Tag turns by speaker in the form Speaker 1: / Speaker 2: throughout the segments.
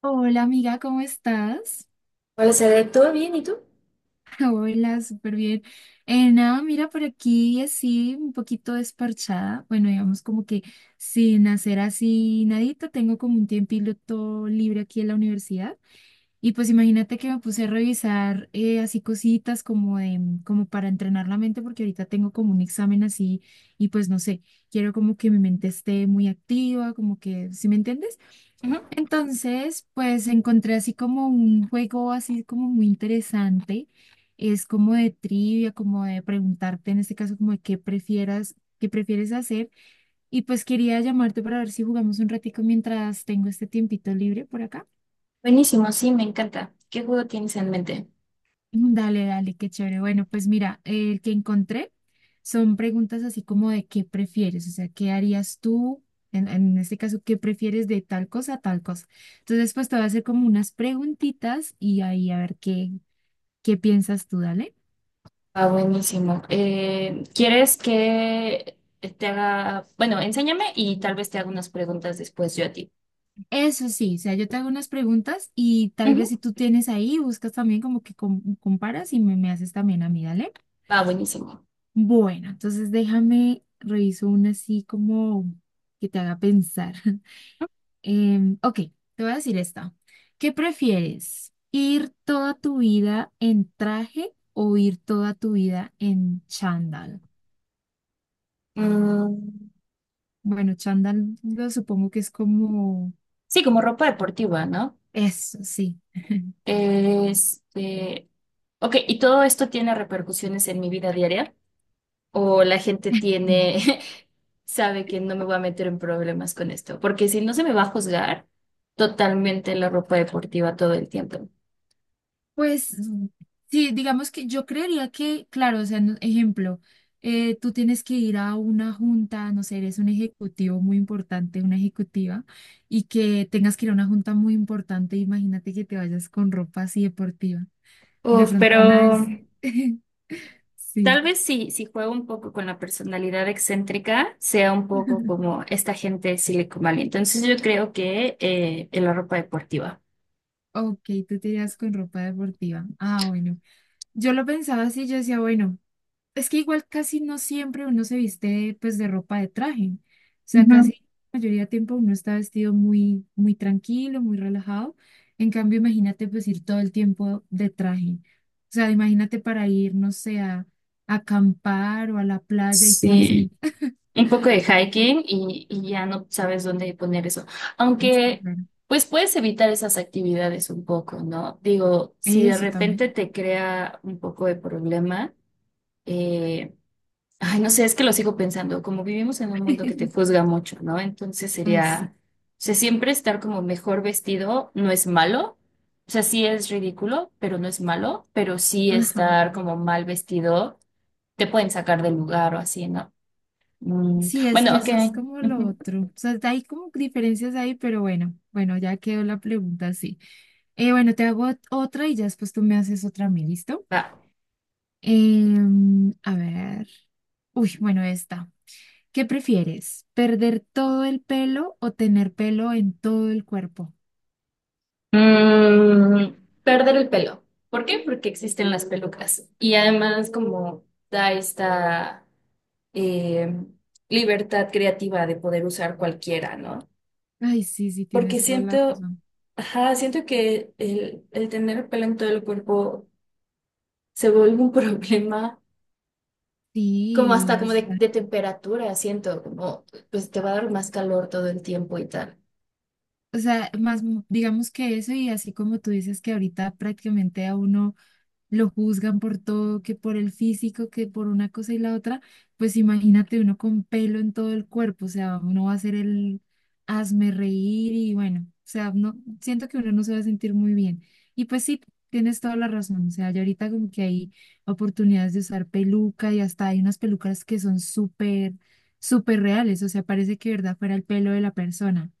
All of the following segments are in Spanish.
Speaker 1: Hola amiga, ¿cómo estás?
Speaker 2: Hola, Cede, ¿todo bien? ¿Y tú?
Speaker 1: Hola, súper bien. Nada, mira por aquí así un poquito desparchada. Bueno, digamos como que sin hacer así nadita, tengo como un tiempito libre aquí en la universidad. Y pues imagínate que me puse a revisar así cositas como de, como para entrenar la mente, porque ahorita tengo como un examen así y pues no sé, quiero como que mi mente esté muy activa, como que, ¿sí me entiendes?
Speaker 2: Ujú.
Speaker 1: Entonces, pues encontré así como un juego así como muy interesante. Es como de trivia, como de preguntarte en este caso como de qué prefieras, qué prefieres hacer. Y pues quería llamarte para ver si jugamos un ratico mientras tengo este tiempito libre por acá.
Speaker 2: Buenísimo, sí, me encanta. ¿Qué juego tienes en mente?
Speaker 1: Dale, dale, qué chévere. Bueno, pues mira, el que encontré son preguntas así como de qué prefieres, o sea, ¿qué harías tú? En este caso, ¿qué prefieres de tal cosa a tal cosa? Entonces, pues te voy a hacer como unas preguntitas y ahí a ver qué piensas tú, dale.
Speaker 2: Ah, buenísimo. ¿Quieres que te haga, bueno, enséñame y tal vez te haga unas preguntas después yo a ti?
Speaker 1: Eso sí, o sea, yo te hago unas preguntas y tal vez
Speaker 2: Ujú.
Speaker 1: si tú tienes ahí, buscas también como que comparas y me haces también a mí, dale.
Speaker 2: Va, buenísimo.
Speaker 1: Bueno, entonces déjame, reviso una así como que te haga pensar. Ok, te voy a decir esta. ¿Qué prefieres? ¿Ir toda tu vida en traje o ir toda tu vida en chándal?
Speaker 2: Mm,
Speaker 1: Bueno, chándal lo supongo que es como
Speaker 2: sí, como ropa deportiva, ¿no?
Speaker 1: eso, sí.
Speaker 2: Este, ok, ¿y todo esto tiene repercusiones en mi vida diaria? O la gente tiene, sabe que no me voy a meter en problemas con esto, porque si no se me va a juzgar totalmente la ropa deportiva todo el tiempo.
Speaker 1: Pues sí, digamos que yo creería que, claro, o sea, ejemplo, tú tienes que ir a una junta, no sé, eres un ejecutivo muy importante, una ejecutiva, y que tengas que ir a una junta muy importante, imagínate que te vayas con ropa así deportiva. De
Speaker 2: Uf,
Speaker 1: pronto van a
Speaker 2: pero
Speaker 1: decir, sí.
Speaker 2: tal vez si, si juego un poco con la personalidad excéntrica, sea un poco como esta gente de Silicon Valley. Entonces yo creo que en la ropa deportiva.
Speaker 1: Ok, tú te irías con ropa deportiva. Ah, bueno. Yo lo pensaba así, yo decía, bueno, es que igual casi no siempre uno se viste pues de ropa de traje. O sea,
Speaker 2: Ujú.
Speaker 1: casi la mayoría de tiempo uno está vestido muy, muy tranquilo, muy relajado. En cambio, imagínate pues ir todo el tiempo de traje. O sea, imagínate para ir, no sé, a acampar o a la playa y tú así.
Speaker 2: Sí, un poco de hiking y ya no sabes dónde poner eso.
Speaker 1: Sí,
Speaker 2: Aunque,
Speaker 1: claro.
Speaker 2: pues puedes evitar esas actividades un poco, ¿no? Digo, si de
Speaker 1: Eso
Speaker 2: repente
Speaker 1: también.
Speaker 2: te crea un poco de problema, eh, Ay, no sé, es que lo sigo pensando, como vivimos en un mundo que te juzga mucho, ¿no? Entonces
Speaker 1: Ay, sí.
Speaker 2: sería, o sea, siempre estar como mejor vestido no es malo, o sea, sí es ridículo, pero no es malo, pero sí
Speaker 1: Ajá.
Speaker 2: estar como mal vestido te pueden sacar del lugar o así, ¿no? Mm,
Speaker 1: Sí, es
Speaker 2: bueno,
Speaker 1: que
Speaker 2: ok.
Speaker 1: eso es como lo
Speaker 2: Ujú,
Speaker 1: otro. O sea, hay como diferencias ahí, pero bueno, bueno, ya quedó la pregunta así. Bueno, te hago otra y ya después tú me haces otra a mí, ¿listo?
Speaker 2: va.
Speaker 1: A ver. Uy, bueno, esta. ¿Qué prefieres? ¿Perder todo el pelo o tener pelo en todo el cuerpo?
Speaker 2: Mm, perder el pelo. ¿Por qué? Porque existen las pelucas y además como da esta em, libertad creativa de poder usar cualquiera, ¿no?
Speaker 1: Ay, sí, sí,
Speaker 2: Porque
Speaker 1: tienes toda la
Speaker 2: siento,
Speaker 1: razón.
Speaker 2: ajá, siento que el tener pelo en todo el cuerpo se vuelve un problema, como hasta
Speaker 1: Sí, o
Speaker 2: como de,
Speaker 1: sea,
Speaker 2: de temperatura, siento, como pues te va a dar más calor todo el tiempo y tal.
Speaker 1: o sea, más digamos que eso y así como tú dices que ahorita prácticamente a uno lo juzgan por todo, que por el físico, que por una cosa y la otra, pues imagínate uno con pelo en todo el cuerpo, o sea, uno va a ser el hazme reír y bueno, o sea, no, siento que uno no se va a sentir muy bien. Y pues sí, tienes toda la razón, o sea, ya ahorita como que hay oportunidades de usar peluca y hasta hay unas pelucas que son súper, súper reales, o sea, parece que de verdad fuera el pelo de la persona.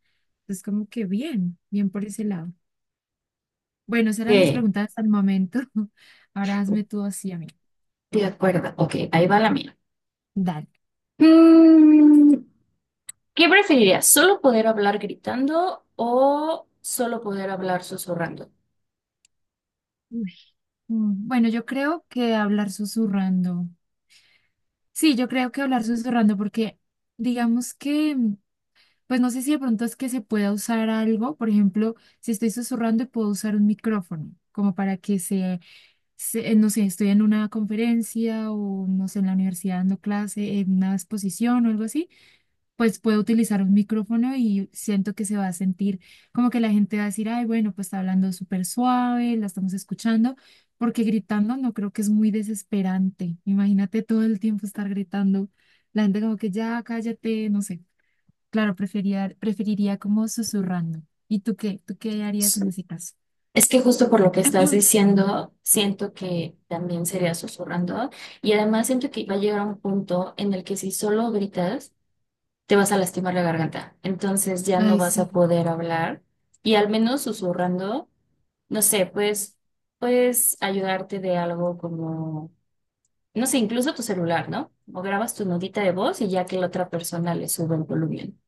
Speaker 1: Es como que bien, bien por ese lado. Bueno, esas eran mis
Speaker 2: Eh,
Speaker 1: preguntas hasta el momento. Ahora hazme tú así a mí.
Speaker 2: de acuerdo. Ok, ahí va la mía.
Speaker 1: Dale.
Speaker 2: Mm, ¿qué preferirías? ¿Solo poder hablar gritando o solo poder hablar susurrando?
Speaker 1: Uy. Bueno, yo creo que hablar susurrando. Sí, yo creo que hablar susurrando porque digamos que, pues no sé si de pronto es que se pueda usar algo, por ejemplo, si estoy susurrando y puedo usar un micrófono, como para que no sé, estoy en una conferencia o no sé, en la universidad dando clase, en una exposición o algo así pues puedo utilizar un micrófono y siento que se va a sentir como que la gente va a decir, ay, bueno, pues está hablando súper suave, la estamos escuchando, porque gritando no creo que es muy desesperante. Imagínate todo el tiempo estar gritando, la gente como que ya cállate, no sé. Claro, preferiría, preferiría como susurrando. ¿Y tú qué? ¿Tú qué harías en ese caso?
Speaker 2: Es que justo por lo que estás diciendo, siento que también sería susurrando y además siento que va a llegar un punto en el que si solo gritas, te vas a lastimar la garganta. Entonces ya no
Speaker 1: Ay,
Speaker 2: vas a
Speaker 1: sí,
Speaker 2: poder hablar y al menos susurrando, no sé, pues puedes ayudarte de algo como, no sé, incluso tu celular, ¿no? O grabas tu notita de voz y ya que la otra persona le sube el volumen.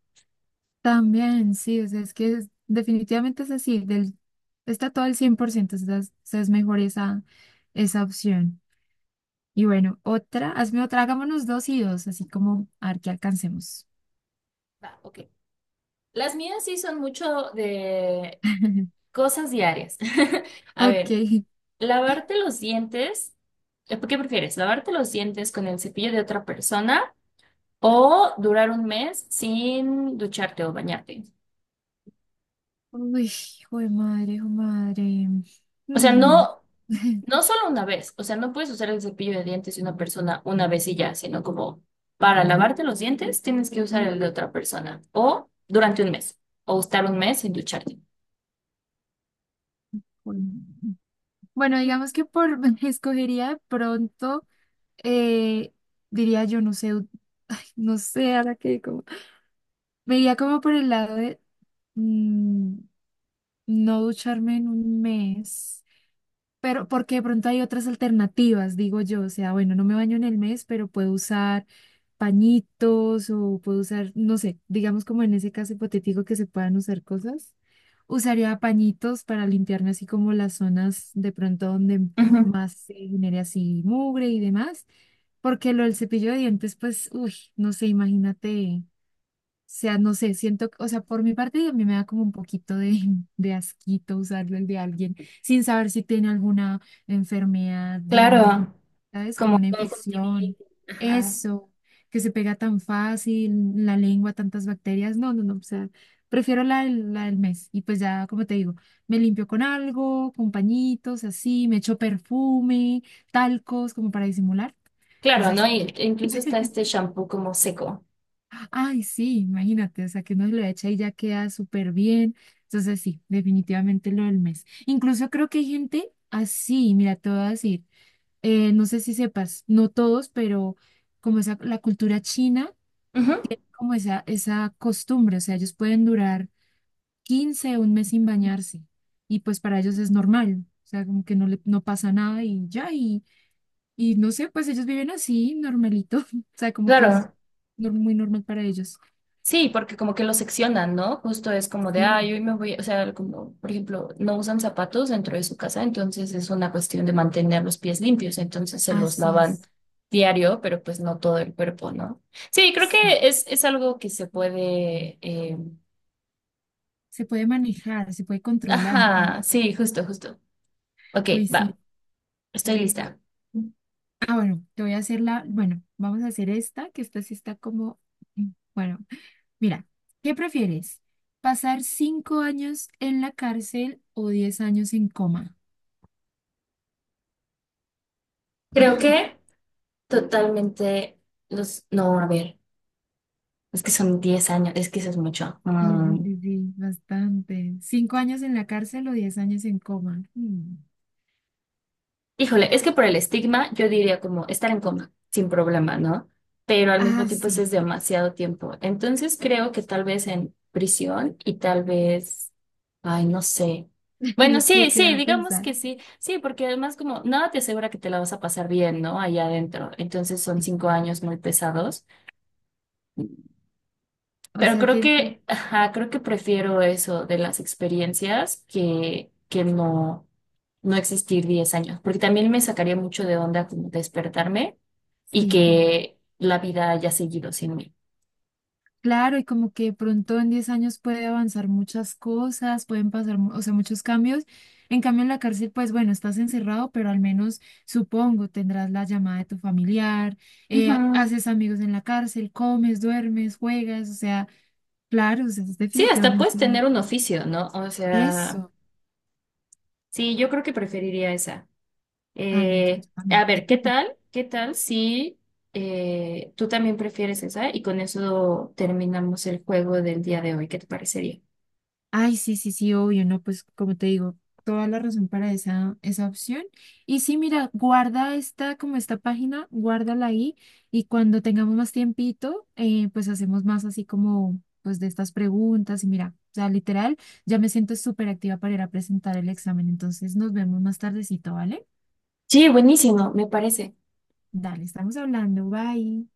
Speaker 1: también, sí, o sea, es que definitivamente es así, está todo al 100%, o sea, es mejor esa opción. Y bueno, otra, hazme otra, hagámonos dos y dos, así como a ver qué alcancemos.
Speaker 2: Va, ok. Las mías sí son mucho de cosas diarias. A
Speaker 1: Ok.
Speaker 2: ver, lavarte los dientes. ¿Qué prefieres? ¿Lavarte los dientes con el cepillo de otra persona o durar un mes sin ducharte o bañarte?
Speaker 1: Uy, hijo de madre, hijo de madre.
Speaker 2: O sea,
Speaker 1: Hmm.
Speaker 2: no, no solo una vez. O sea, no puedes usar el cepillo de dientes de una persona una vez y ya, sino como para lavarte los dientes tienes que usar el de otra persona o durante un mes o estar un mes sin ducharte.
Speaker 1: Bueno, digamos que por escogería de pronto, eh, diría yo, no sé, ay, no sé, ahora que como, me iría como por el lado de mm, no ducharme en un mes. Pero porque de pronto hay otras alternativas, digo yo, o sea, bueno, no me baño en el mes, pero puedo usar pañitos o puedo usar, no sé, digamos como en ese caso hipotético que se puedan usar cosas. Usaría pañitos para limpiarme así como las zonas de pronto donde
Speaker 2: Ujú.
Speaker 1: más se genere así mugre y demás, porque lo del cepillo de dientes, pues, uy, no sé, imagínate sea, no sé, siento, o sea, por mi parte a mí me da como un poquito de, de asquito usarlo el de alguien sin saber si tiene alguna enfermedad, digamos,
Speaker 2: Claro,
Speaker 1: ¿sabes? Como
Speaker 2: como
Speaker 1: una
Speaker 2: conjuntivitis.
Speaker 1: infección,
Speaker 2: Ajá.
Speaker 1: eso, que se pega tan fácil, en la lengua, tantas bacterias, no, no, no, o sea, prefiero la del mes y pues ya, como te digo, me limpio con algo, con pañitos, así, me echo perfume, talcos, como para disimular.
Speaker 2: Claro, ¿no?
Speaker 1: Entonces,
Speaker 2: Y e incluso está este shampoo como seco.
Speaker 1: ay, sí, imagínate, o sea, que uno lo echa y ya queda súper bien. Entonces, sí, definitivamente lo del mes. Incluso creo que hay gente así, mira, te voy a decir, no sé si sepas, no todos, pero como esa, la cultura china,
Speaker 2: Ujú,
Speaker 1: como esa costumbre, o sea, ellos pueden durar 15 o un mes sin bañarse y pues para ellos es normal, o sea, como que no, no pasa nada y ya, y no sé, pues ellos viven así, normalito, o sea, como que es
Speaker 2: claro,
Speaker 1: muy normal para ellos.
Speaker 2: sí, porque como que lo seccionan, ¿no? Justo es como de,
Speaker 1: Sí.
Speaker 2: ay, hoy me voy, o sea, como, por ejemplo, no usan zapatos dentro de su casa, entonces es una cuestión de mantener los pies limpios, entonces se los
Speaker 1: Así
Speaker 2: lavan
Speaker 1: es.
Speaker 2: diario, pero pues no todo el cuerpo, ¿no? Sí, creo
Speaker 1: Sí.
Speaker 2: que es algo que se puede,
Speaker 1: Se puede manejar, se puede controlar.
Speaker 2: ajá, sí, justo, justo. Ok,
Speaker 1: Uy,
Speaker 2: va,
Speaker 1: sí.
Speaker 2: estoy lista.
Speaker 1: Ah, bueno, te voy a hacer la, bueno, vamos a hacer esta, que esta sí está como, mm, bueno, mira, ¿qué prefieres? ¿Pasar cinco años en la cárcel o diez años en coma?
Speaker 2: Creo que totalmente los, no, a ver. Es que son 10 años, es que eso es mucho.
Speaker 1: Sí, sí,
Speaker 2: Mm.
Speaker 1: sí, sí, bastante. ¿Cinco años en la cárcel o diez años en coma? Mm.
Speaker 2: Híjole, es que por el estigma yo diría como estar en coma, sin problema, ¿no? Pero al mismo
Speaker 1: Ah,
Speaker 2: tiempo eso es
Speaker 1: sí.
Speaker 2: demasiado tiempo. Entonces creo que tal vez en prisión y tal vez, ay, no sé. Bueno,
Speaker 1: Es que
Speaker 2: sí, sí,
Speaker 1: queda a
Speaker 2: digamos
Speaker 1: pensar.
Speaker 2: que sí, sí, porque además como nada te asegura que te la vas a pasar bien, ¿no? Allá adentro. Entonces son
Speaker 1: Sí.
Speaker 2: 5 años muy pesados.
Speaker 1: O
Speaker 2: Pero
Speaker 1: sea
Speaker 2: creo
Speaker 1: que
Speaker 2: que, ajá, creo que prefiero eso de las experiencias que no, no existir 10 años, porque también me sacaría mucho de onda como despertarme y
Speaker 1: sí.
Speaker 2: que la vida haya seguido sin mí.
Speaker 1: Claro, y como que de pronto en 10 años puede avanzar muchas cosas, pueden pasar, o sea, muchos cambios. En cambio, en la cárcel, pues bueno, estás encerrado, pero al menos supongo tendrás la llamada de tu familiar,
Speaker 2: Ujú.
Speaker 1: haces amigos en la cárcel, comes, duermes, juegas, o sea, claro, o sea, es
Speaker 2: Sí, hasta puedes
Speaker 1: definitivamente
Speaker 2: tener un oficio, ¿no? O sea,
Speaker 1: eso.
Speaker 2: sí, yo creo que preferiría esa.
Speaker 1: Ah, no,
Speaker 2: A
Speaker 1: también.
Speaker 2: ver, ¿qué tal? ¿Qué tal si tú también prefieres esa? Y con eso terminamos el juego del día de hoy. ¿Qué te parecería?
Speaker 1: Ay, sí, sí, sí, obvio, no, pues como te digo, toda la razón para esa, esa opción. Y sí, mira, guarda esta, como esta página, guárdala ahí y cuando tengamos más tiempito, pues hacemos más así como, pues de estas preguntas y mira, o sea, literal, ya me siento súper activa para ir a presentar el examen, entonces nos vemos más tardecito, ¿vale?
Speaker 2: Sí, buenísimo, me parece.
Speaker 1: Dale, estamos hablando, bye.